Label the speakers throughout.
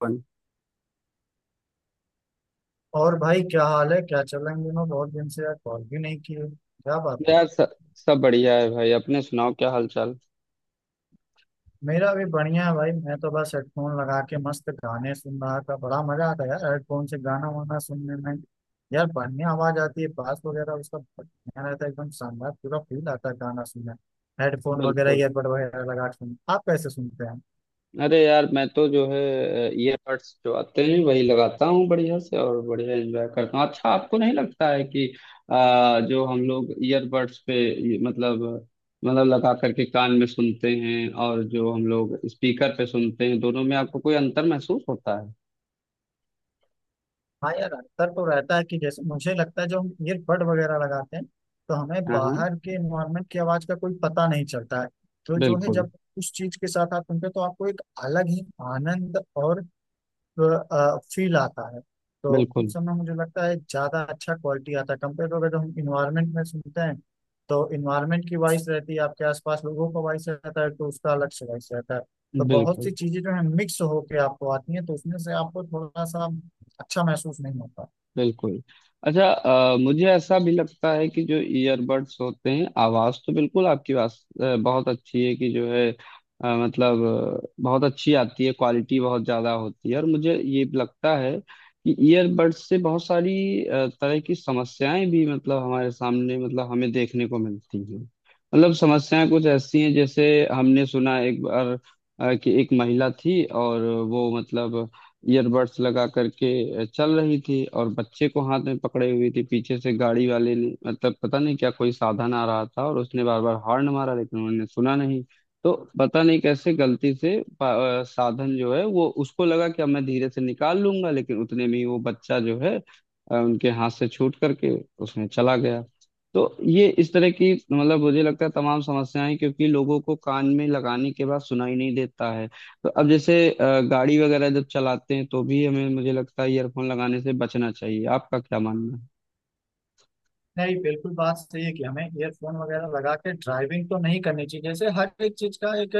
Speaker 1: अपन।
Speaker 2: और भाई क्या हाल है, क्या चल रहा है इन दिनों? बहुत दिन से यार कॉल भी नहीं किए, क्या बात है।
Speaker 1: यार सब सब बढ़िया है भाई। अपने सुनाओ क्या हाल चाल।
Speaker 2: मेरा भी बढ़िया है भाई। मैं तो बस हेडफोन लगा के मस्त गाने सुन रहा था। बड़ा मजा आता है यार हेडफोन से गाना वाना सुनने में। यार बढ़िया आवाज आती है, बास वगैरह उसका बढ़िया रहता है, एकदम शानदार, पूरा फील आता है गाना सुनने। हेडफोन वगैरह,
Speaker 1: बिल्कुल।
Speaker 2: ईयरबड वगैरह लगा के सुन, आप कैसे सुनते हैं?
Speaker 1: अरे यार मैं तो जो है ईयरबड्स जो आते हैं वही लगाता हूँ बढ़िया से और बढ़िया एंजॉय करता हूँ। अच्छा, आपको नहीं लगता है कि जो हम लोग ईयरबड्स पे ये मतलब मतलब लगा करके कान में सुनते हैं और जो हम लोग स्पीकर पे सुनते हैं, दोनों में आपको कोई अंतर महसूस होता है?
Speaker 2: हाँ यार, अंतर तो रहता है। कि जैसे मुझे लगता है जो हम ईयरबड वगैरह लगाते हैं तो हमें
Speaker 1: हाँ, हाँ।
Speaker 2: बाहर के एनवायरनमेंट की आवाज का कोई पता नहीं चलता है। तो जो है
Speaker 1: बिल्कुल,
Speaker 2: जब उस चीज के साथ आप सुनते हो तो आपको एक अलग ही आनंद और फील आता है। तो
Speaker 1: बिल्कुल,
Speaker 2: उस समय मुझे लगता है ज़्यादा अच्छा क्वालिटी आता है कंपेयर टू अगर जो हम इन्वायरमेंट में सुनते हैं। तो इन्वायरमेंट की वॉइस रहती है, आपके आसपास लोगों का वॉइस रहता है, तो उसका अलग से वॉइस रहता है। तो बहुत
Speaker 1: बिल्कुल,
Speaker 2: सी चीज़ें जो है मिक्स होके आपको आती हैं, तो उसमें से आपको थोड़ा सा अच्छा महसूस नहीं होता।
Speaker 1: बिल्कुल। अच्छा, मुझे ऐसा भी लगता है कि जो ईयरबड्स होते हैं आवाज तो बिल्कुल, आपकी आवाज बहुत अच्छी है कि जो है बहुत अच्छी आती है, क्वालिटी बहुत ज्यादा होती है। और मुझे ये भी लगता है कि ईयरबड्स से बहुत सारी तरह की समस्याएं भी मतलब हमारे सामने मतलब हमें देखने को मिलती हैं। मतलब समस्याएं कुछ ऐसी हैं जैसे हमने सुना एक बार कि एक महिला थी और वो मतलब ईयरबड्स लगा करके चल रही थी और बच्चे को हाथ में पकड़े हुई थी। पीछे से गाड़ी वाले ने मतलब पता नहीं क्या कोई साधन आ रहा था, और उसने बार बार हॉर्न मारा लेकिन उन्होंने सुना नहीं। तो पता नहीं कैसे गलती से साधन जो है वो, उसको लगा कि अब मैं धीरे से निकाल लूंगा, लेकिन उतने में ही वो बच्चा जो है उनके हाथ से छूट करके उसमें चला गया। तो ये इस तरह की मतलब, मुझे लगता है तमाम समस्याएं, क्योंकि लोगों को कान में लगाने के बाद सुनाई नहीं देता है। तो अब जैसे गाड़ी वगैरह जब चलाते हैं तो भी हमें मुझे लगता है ईयरफोन लगाने से बचना चाहिए। आपका क्या मानना है?
Speaker 2: नहीं, बिल्कुल बात सही है कि हमें ईयरफोन वगैरह लगा के ड्राइविंग तो नहीं करनी चाहिए। जैसे हर एक चीज का एक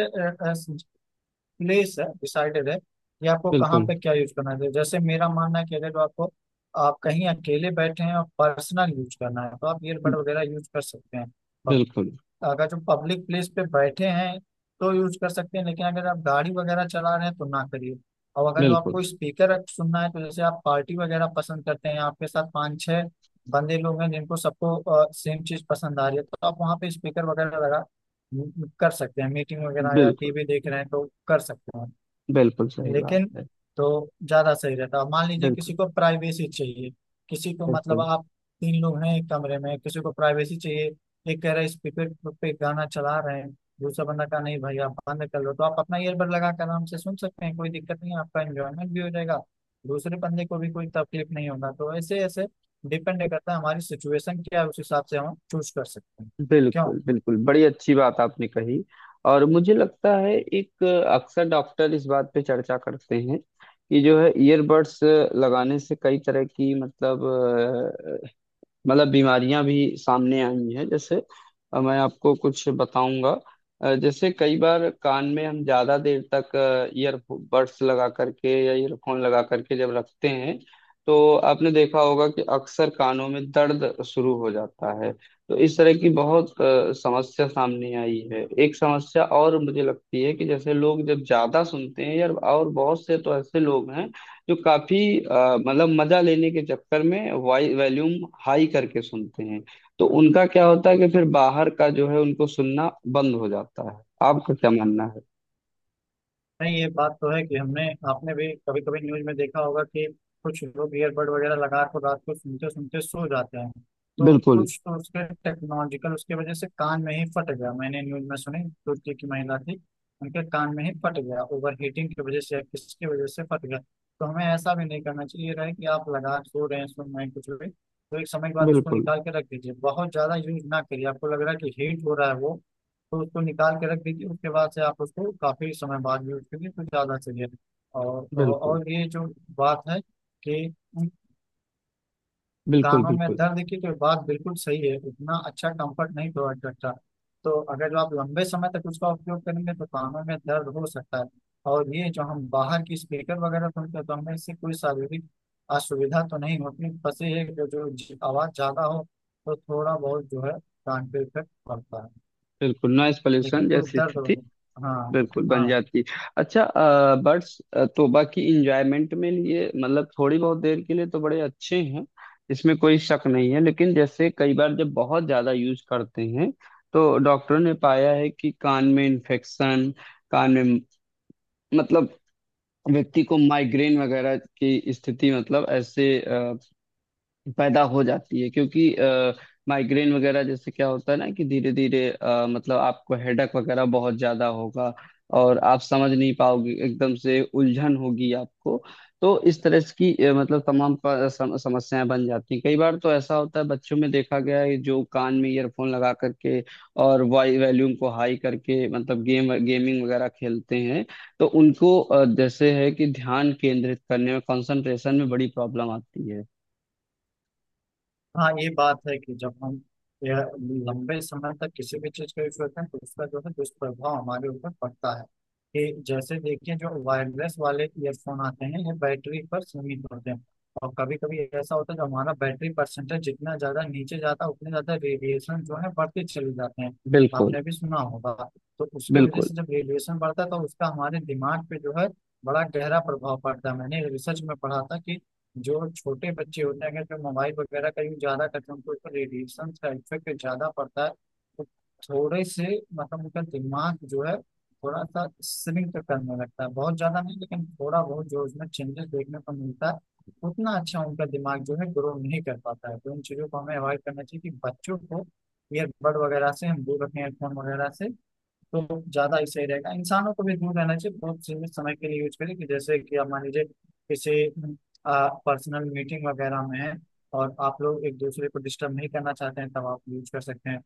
Speaker 2: प्लेस है, डिसाइडेड है कि आपको कहाँ
Speaker 1: बिल्कुल,
Speaker 2: पे क्या यूज करना है। तो जैसे मेरा मानना है कि अगर आपको आप कहीं अकेले बैठे हैं और पर्सनल यूज करना है तो आप ईयरबड वगैरह यूज कर सकते हैं। और
Speaker 1: बिल्कुल,
Speaker 2: अगर जो पब्लिक प्लेस पे बैठे हैं तो यूज कर सकते हैं, लेकिन अगर आप गाड़ी वगैरह चला रहे हैं तो ना करिए। और अगर जो
Speaker 1: बिल्कुल,
Speaker 2: आपको स्पीकर सुनना है तो जैसे आप पार्टी वगैरह पसंद करते हैं, आपके साथ पाँच छह बंदे लोग हैं जिनको सबको सेम चीज पसंद आ रही है तो आप वहाँ पे स्पीकर वगैरह लगा कर सकते हैं। मीटिंग वगैरह या
Speaker 1: बिल्कुल।
Speaker 2: टीवी देख रहे हैं तो कर सकते हैं,
Speaker 1: बिल्कुल सही बात
Speaker 2: लेकिन
Speaker 1: है।
Speaker 2: तो ज्यादा सही रहता। अब मान लीजिए
Speaker 1: बिल्कुल,
Speaker 2: किसी को प्राइवेसी चाहिए, किसी को मतलब
Speaker 1: बिल्कुल,
Speaker 2: आप तीन लोग हैं एक कमरे में, किसी को प्राइवेसी चाहिए, एक कह रहा है स्पीकर पे गाना चला रहे हैं, दूसरा बंदा कहा नहीं भाई आप बंद कर लो, तो आप अपना ईयरबड लगा कर आराम से सुन सकते हैं, कोई दिक्कत नहीं है, आपका एंजॉयमेंट भी हो जाएगा, दूसरे बंदे को भी कोई तकलीफ नहीं होगा तो ऐसे ऐसे डिपेंड करता है हमारी सिचुएशन क्या है, उस हिसाब से हम चूज कर सकते हैं। क्यों
Speaker 1: बिल्कुल, बिल्कुल, बड़ी अच्छी बात आपने कही। और मुझे लगता है एक अक्सर डॉक्टर इस बात पे चर्चा करते हैं कि जो है ईयरबड्स लगाने से कई तरह की मतलब बीमारियां भी सामने आई हैं। जैसे मैं आपको कुछ बताऊंगा। जैसे कई बार कान में हम ज्यादा देर तक ईयरबड्स लगा करके या ईयरफोन लगा करके जब रखते हैं, तो आपने देखा होगा कि अक्सर कानों में दर्द शुरू हो जाता है। तो इस तरह की बहुत समस्या सामने आई है। एक समस्या और मुझे लगती है कि जैसे लोग जब ज्यादा सुनते हैं यार, और बहुत से तो ऐसे लोग हैं जो काफी मतलब मजा लेने के चक्कर में वाई वॉल्यूम हाई करके सुनते हैं। तो उनका क्या होता है कि फिर बाहर का जो है उनको सुनना बंद हो जाता है। आपका क्या मानना है?
Speaker 2: नहीं, ये बात तो है कि हमने, आपने भी कभी कभी न्यूज में देखा होगा कि कुछ लोग ईयरबड वगैरह लगा कर रात को सुनते सुनते सो जाते हैं, तो
Speaker 1: बिल्कुल,
Speaker 2: कुछ तो उसके टेक्नोलॉजिकल उसके वजह से कान में ही फट गया। मैंने न्यूज में सुनी तुर्की की महिला थी, उनके कान में ही फट गया, ओवर हीटिंग की वजह से या किसकी वजह से फट गया। तो हमें ऐसा भी नहीं करना चाहिए, ये रहे कि आप लगा के सो रहे हैं, सुन रहे हैं कुछ भी, तो एक समय के बाद उसको
Speaker 1: बिल्कुल,
Speaker 2: निकाल के रख दीजिए, बहुत ज्यादा यूज ना करिए। आपको लग रहा है कि हीट हो रहा है वो, तो उसको निकाल के रख दीजिए, उसके बाद से आप उसको काफ़ी समय बाद यूज कीजिए तो ज़्यादा चलिए। और
Speaker 1: बिल्कुल,
Speaker 2: और ये जो बात है कि उन
Speaker 1: बिल्कुल,
Speaker 2: कानों में
Speaker 1: बिल्कुल,
Speaker 2: दर्द की, तो बात बिल्कुल सही है, उतना अच्छा कंफर्ट नहीं प्रोवाइड करता। तो अगर जो आप लंबे समय तक उसका उपयोग करेंगे तो कानों में दर्द हो सकता है। और ये जो हम बाहर की स्पीकर वगैरह सुनते हैं तो हमें इससे कोई शारीरिक असुविधा तो नहीं होती। बस ये है कि जो आवाज़ ज़्यादा हो तो थोड़ा बहुत जो है कान पे इफेक्ट पड़ता है,
Speaker 1: बिल्कुल। नॉइस पॉल्यूशन
Speaker 2: लेकिन कोई
Speaker 1: जैसी
Speaker 2: दर्द हो।
Speaker 1: स्थिति
Speaker 2: हाँ।
Speaker 1: बिल्कुल
Speaker 2: हाँ।
Speaker 1: बन जाती। अच्छा, बट्स तो बाकी इंजॉयमेंट में लिए मतलब थोड़ी बहुत देर के लिए तो बड़े अच्छे हैं, इसमें कोई शक नहीं है। लेकिन जैसे कई बार जब बहुत ज्यादा यूज करते हैं तो डॉक्टरों ने पाया है कि कान में इन्फेक्शन, कान में मतलब व्यक्ति को माइग्रेन वगैरह की स्थिति मतलब ऐसे पैदा हो जाती है। क्योंकि माइग्रेन वगैरह जैसे क्या होता है ना कि धीरे धीरे मतलब आपको हेडक वगैरह बहुत ज्यादा होगा, और आप समझ नहीं पाओगे, एकदम से उलझन होगी आपको। तो इस तरह की मतलब तमाम समस्याएं बन जाती हैं। कई बार तो ऐसा होता है, बच्चों में देखा गया है, जो कान में ईयरफोन लगा करके और वाई वॉल्यूम को हाई करके मतलब गेम गेमिंग वगैरह खेलते हैं, तो उनको जैसे है कि ध्यान केंद्रित करने में, कंसंट्रेशन में बड़ी प्रॉब्लम आती है।
Speaker 2: हाँ, ये बात है कि जब हम यह लंबे समय तक किसी भी चीज़ का यूज करते हैं तो उसका जो है दुष्प्रभाव हमारे ऊपर पड़ता है। कि जैसे देखिए जो वायरलेस वाले ईयरफोन आते हैं ये बैटरी पर सीमित होते हैं, और कभी कभी ऐसा होता है जो हमारा बैटरी परसेंटेज जितना ज़्यादा नीचे जाता है उतने ज़्यादा रेडिएशन जो है बढ़ते चले जाते हैं।
Speaker 1: बिल्कुल,
Speaker 2: आपने भी सुना होगा। तो उसके वजह
Speaker 1: बिल्कुल,
Speaker 2: से जब रेडिएशन बढ़ता है तो उसका हमारे दिमाग पे जो है बड़ा गहरा प्रभाव पड़ता है। मैंने रिसर्च में पढ़ा था कि जो छोटे बच्चे होते हैं अगर जो मोबाइल वगैरह का यूज ज्यादा करते हैं उनको उसका रेडिएशन का इफेक्ट ज्यादा पड़ता है। तो थोड़े से मतलब उनका दिमाग जो है थोड़ा सा श्रिंक करने लगता है, बहुत ज्यादा नहीं लेकिन थोड़ा बहुत जो उसमें चेंजेस देखने को मिलता है। उतना अच्छा उनका दिमाग जो है ग्रो नहीं कर पाता है। तो इन चीजों को हमें अवॉइड करना चाहिए कि बच्चों को ईयरबड वगैरह से हम दूर रखें, हेडफोन वगैरह से, तो ज्यादा ही सही रहेगा। इंसानों को भी दूर रहना चाहिए, बहुत सीमित समय के लिए यूज करें। कि जैसे कि आप मान लीजिए किसी पर्सनल मीटिंग वगैरह में है और आप लोग एक दूसरे को डिस्टर्ब नहीं करना चाहते हैं, तब आप यूज कर सकते हैं।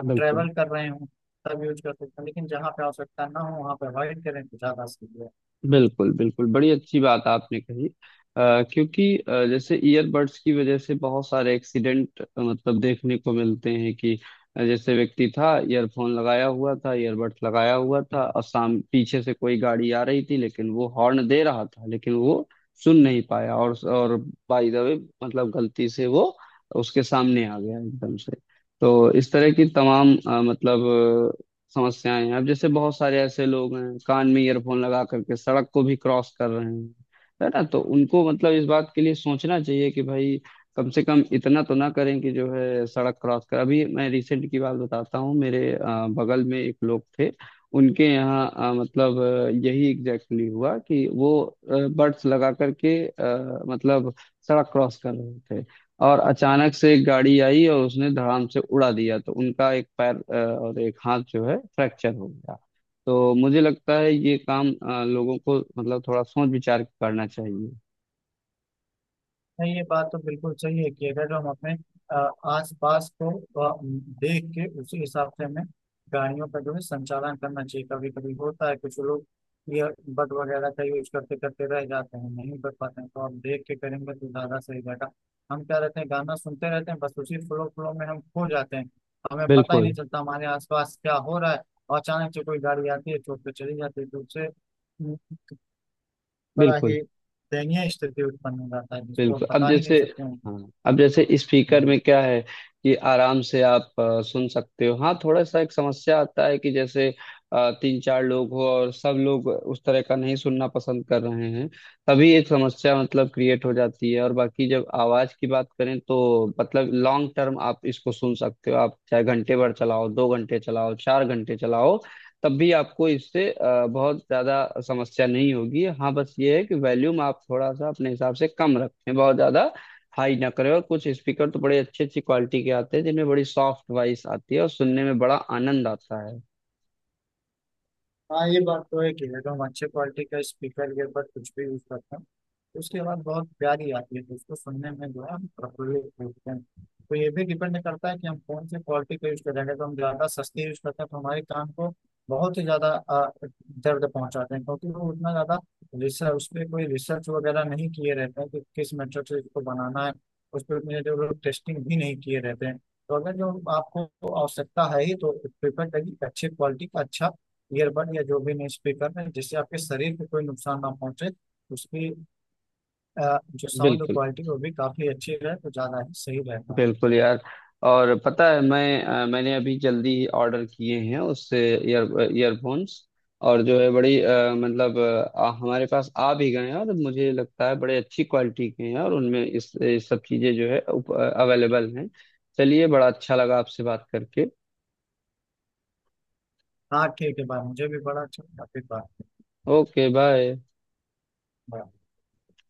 Speaker 2: आप
Speaker 1: बिल्कुल,
Speaker 2: ट्रेवल कर रहे हो, तब यूज कर सकते हैं, लेकिन जहाँ पे आवश्यकता ना हो वहाँ पे अवॉइड करें तो ज्यादा सही है।
Speaker 1: बिल्कुल, बिल्कुल, बड़ी अच्छी बात आपने कही। क्योंकि जैसे ईयरबड्स की वजह से बहुत सारे एक्सीडेंट मतलब देखने को मिलते हैं कि जैसे व्यक्ति था, ईयरफोन लगाया हुआ था, ईयरबड्स लगाया हुआ था, और साम पीछे से कोई गाड़ी आ रही थी लेकिन वो हॉर्न दे रहा था, लेकिन वो सुन नहीं पाया, और बाय द वे मतलब गलती से वो उसके सामने आ गया एकदम से। तो इस तरह की तमाम मतलब समस्याएं हैं। अब जैसे बहुत सारे ऐसे लोग हैं कान में ईयरफोन लगा करके सड़क को भी क्रॉस कर रहे हैं, है ना? तो उनको मतलब इस बात के लिए सोचना चाहिए कि भाई कम से कम इतना तो ना करें कि जो है सड़क क्रॉस कर। अभी मैं रिसेंट की बात बताता हूँ, मेरे बगल में एक लोग थे, उनके यहाँ यही एग्जैक्टली exactly हुआ कि वो बर्ड्स लगा करके मतलब सड़क क्रॉस कर रहे थे, और अचानक से एक गाड़ी आई और उसने धड़ाम से उड़ा दिया। तो उनका एक पैर और एक हाथ जो है फ्रैक्चर हो गया। तो मुझे लगता है ये काम लोगों को मतलब थोड़ा सोच विचार के करना चाहिए।
Speaker 2: नहीं, ये बात तो बिल्कुल सही है कि अगर हम अपने आस पास को देख के उसी हिसाब से हमें गाड़ियों का जो है संचालन करना चाहिए। कभी कभी होता है कुछ लोग ये बट वगैरह का यूज करते करते रह जाते हैं, नहीं कर पाते हैं, तो आप देख के करेंगे तो ज्यादा सही रहेगा। हम क्या रहते हैं गाना सुनते रहते हैं, बस उसी फ्लो फ्लो में हम खो जाते हैं, हमें पता ही नहीं
Speaker 1: बिल्कुल,
Speaker 2: चलता हमारे आसपास क्या हो रहा है। और अचानक से कोई गाड़ी आती है तो उस पे चली जाती है, तो उससे बड़ा
Speaker 1: बिल्कुल,
Speaker 2: ही दयनीय स्थिति उत्पन्न हो जाता है जिसको हम
Speaker 1: बिल्कुल। अब
Speaker 2: बता ही नहीं
Speaker 1: जैसे,
Speaker 2: सकते
Speaker 1: हाँ, अब जैसे स्पीकर
Speaker 2: हैं।
Speaker 1: में क्या है कि आराम से आप सुन सकते हो। हाँ, थोड़ा सा एक समस्या आता है कि जैसे 3 4 लोग हो और सब लोग उस तरह का नहीं सुनना पसंद कर रहे हैं, तभी एक समस्या मतलब क्रिएट हो जाती है। और बाकी जब आवाज की बात करें तो मतलब लॉन्ग टर्म आप इसको सुन सकते हो, आप चाहे घंटे भर चलाओ, 2 घंटे चलाओ, 4 घंटे चलाओ, तब भी आपको इससे बहुत ज्यादा समस्या नहीं होगी। हाँ, बस ये है कि वॉल्यूम आप थोड़ा सा अपने हिसाब से कम रखें, बहुत ज्यादा हाई ना करें। और कुछ स्पीकर तो बड़े अच्छी अच्छी क्वालिटी के आते हैं जिनमें बड़ी सॉफ्ट वॉइस आती है और सुनने में बड़ा आनंद आता है।
Speaker 2: हाँ ये बात तो है कि अगर हम अच्छे क्वालिटी का स्पीकर के ऊपर कुछ भी यूज करते हैं तो उसकी आवाज़ बहुत प्यारी आती है, तो उसको सुनने में जो है हम प्रफुल्लित होते हैं। तो ये भी डिपेंड करता है कि हम कौन से क्वालिटी का यूज कर रहे हैं। अगर हम ज़्यादा सस्ती यूज करते हैं तो हमारे कान को बहुत ही ज़्यादा दर्द पहुंचाते हैं, क्योंकि वो उतना ज़्यादा रिसर्च, उस पर कोई रिसर्च वगैरह नहीं किए रहते हैं कि किस मेथड से इसको बनाना है, उस पर उतने जो लोग टेस्टिंग भी नहीं किए रहते हैं। तो अगर जो आपको आवश्यकता है ही तो प्रिफर करिए अच्छे क्वालिटी का, अच्छा ईयरबड या जो भी नहीं स्पीकर है, जिससे आपके शरीर को कोई नुकसान ना पहुंचे, उसकी जो साउंड
Speaker 1: बिल्कुल,
Speaker 2: क्वालिटी वो भी काफी अच्छी रहे तो ज्यादा ही सही रहेगा।
Speaker 1: बिल्कुल यार। और पता है मैं मैंने अभी जल्दी ही ऑर्डर किए हैं उससे ईयरफोन्स, और जो है बड़ी हमारे पास आ भी गए हैं, और मुझे लगता है बड़े अच्छी क्वालिटी के हैं और उनमें इस सब चीज़ें जो है अवेलेबल हैं। चलिए, बड़ा अच्छा लगा आपसे बात करके।
Speaker 2: हाँ ठीक है भाई, मुझे भी बड़ा अच्छा, काफी बार।
Speaker 1: Okay bye.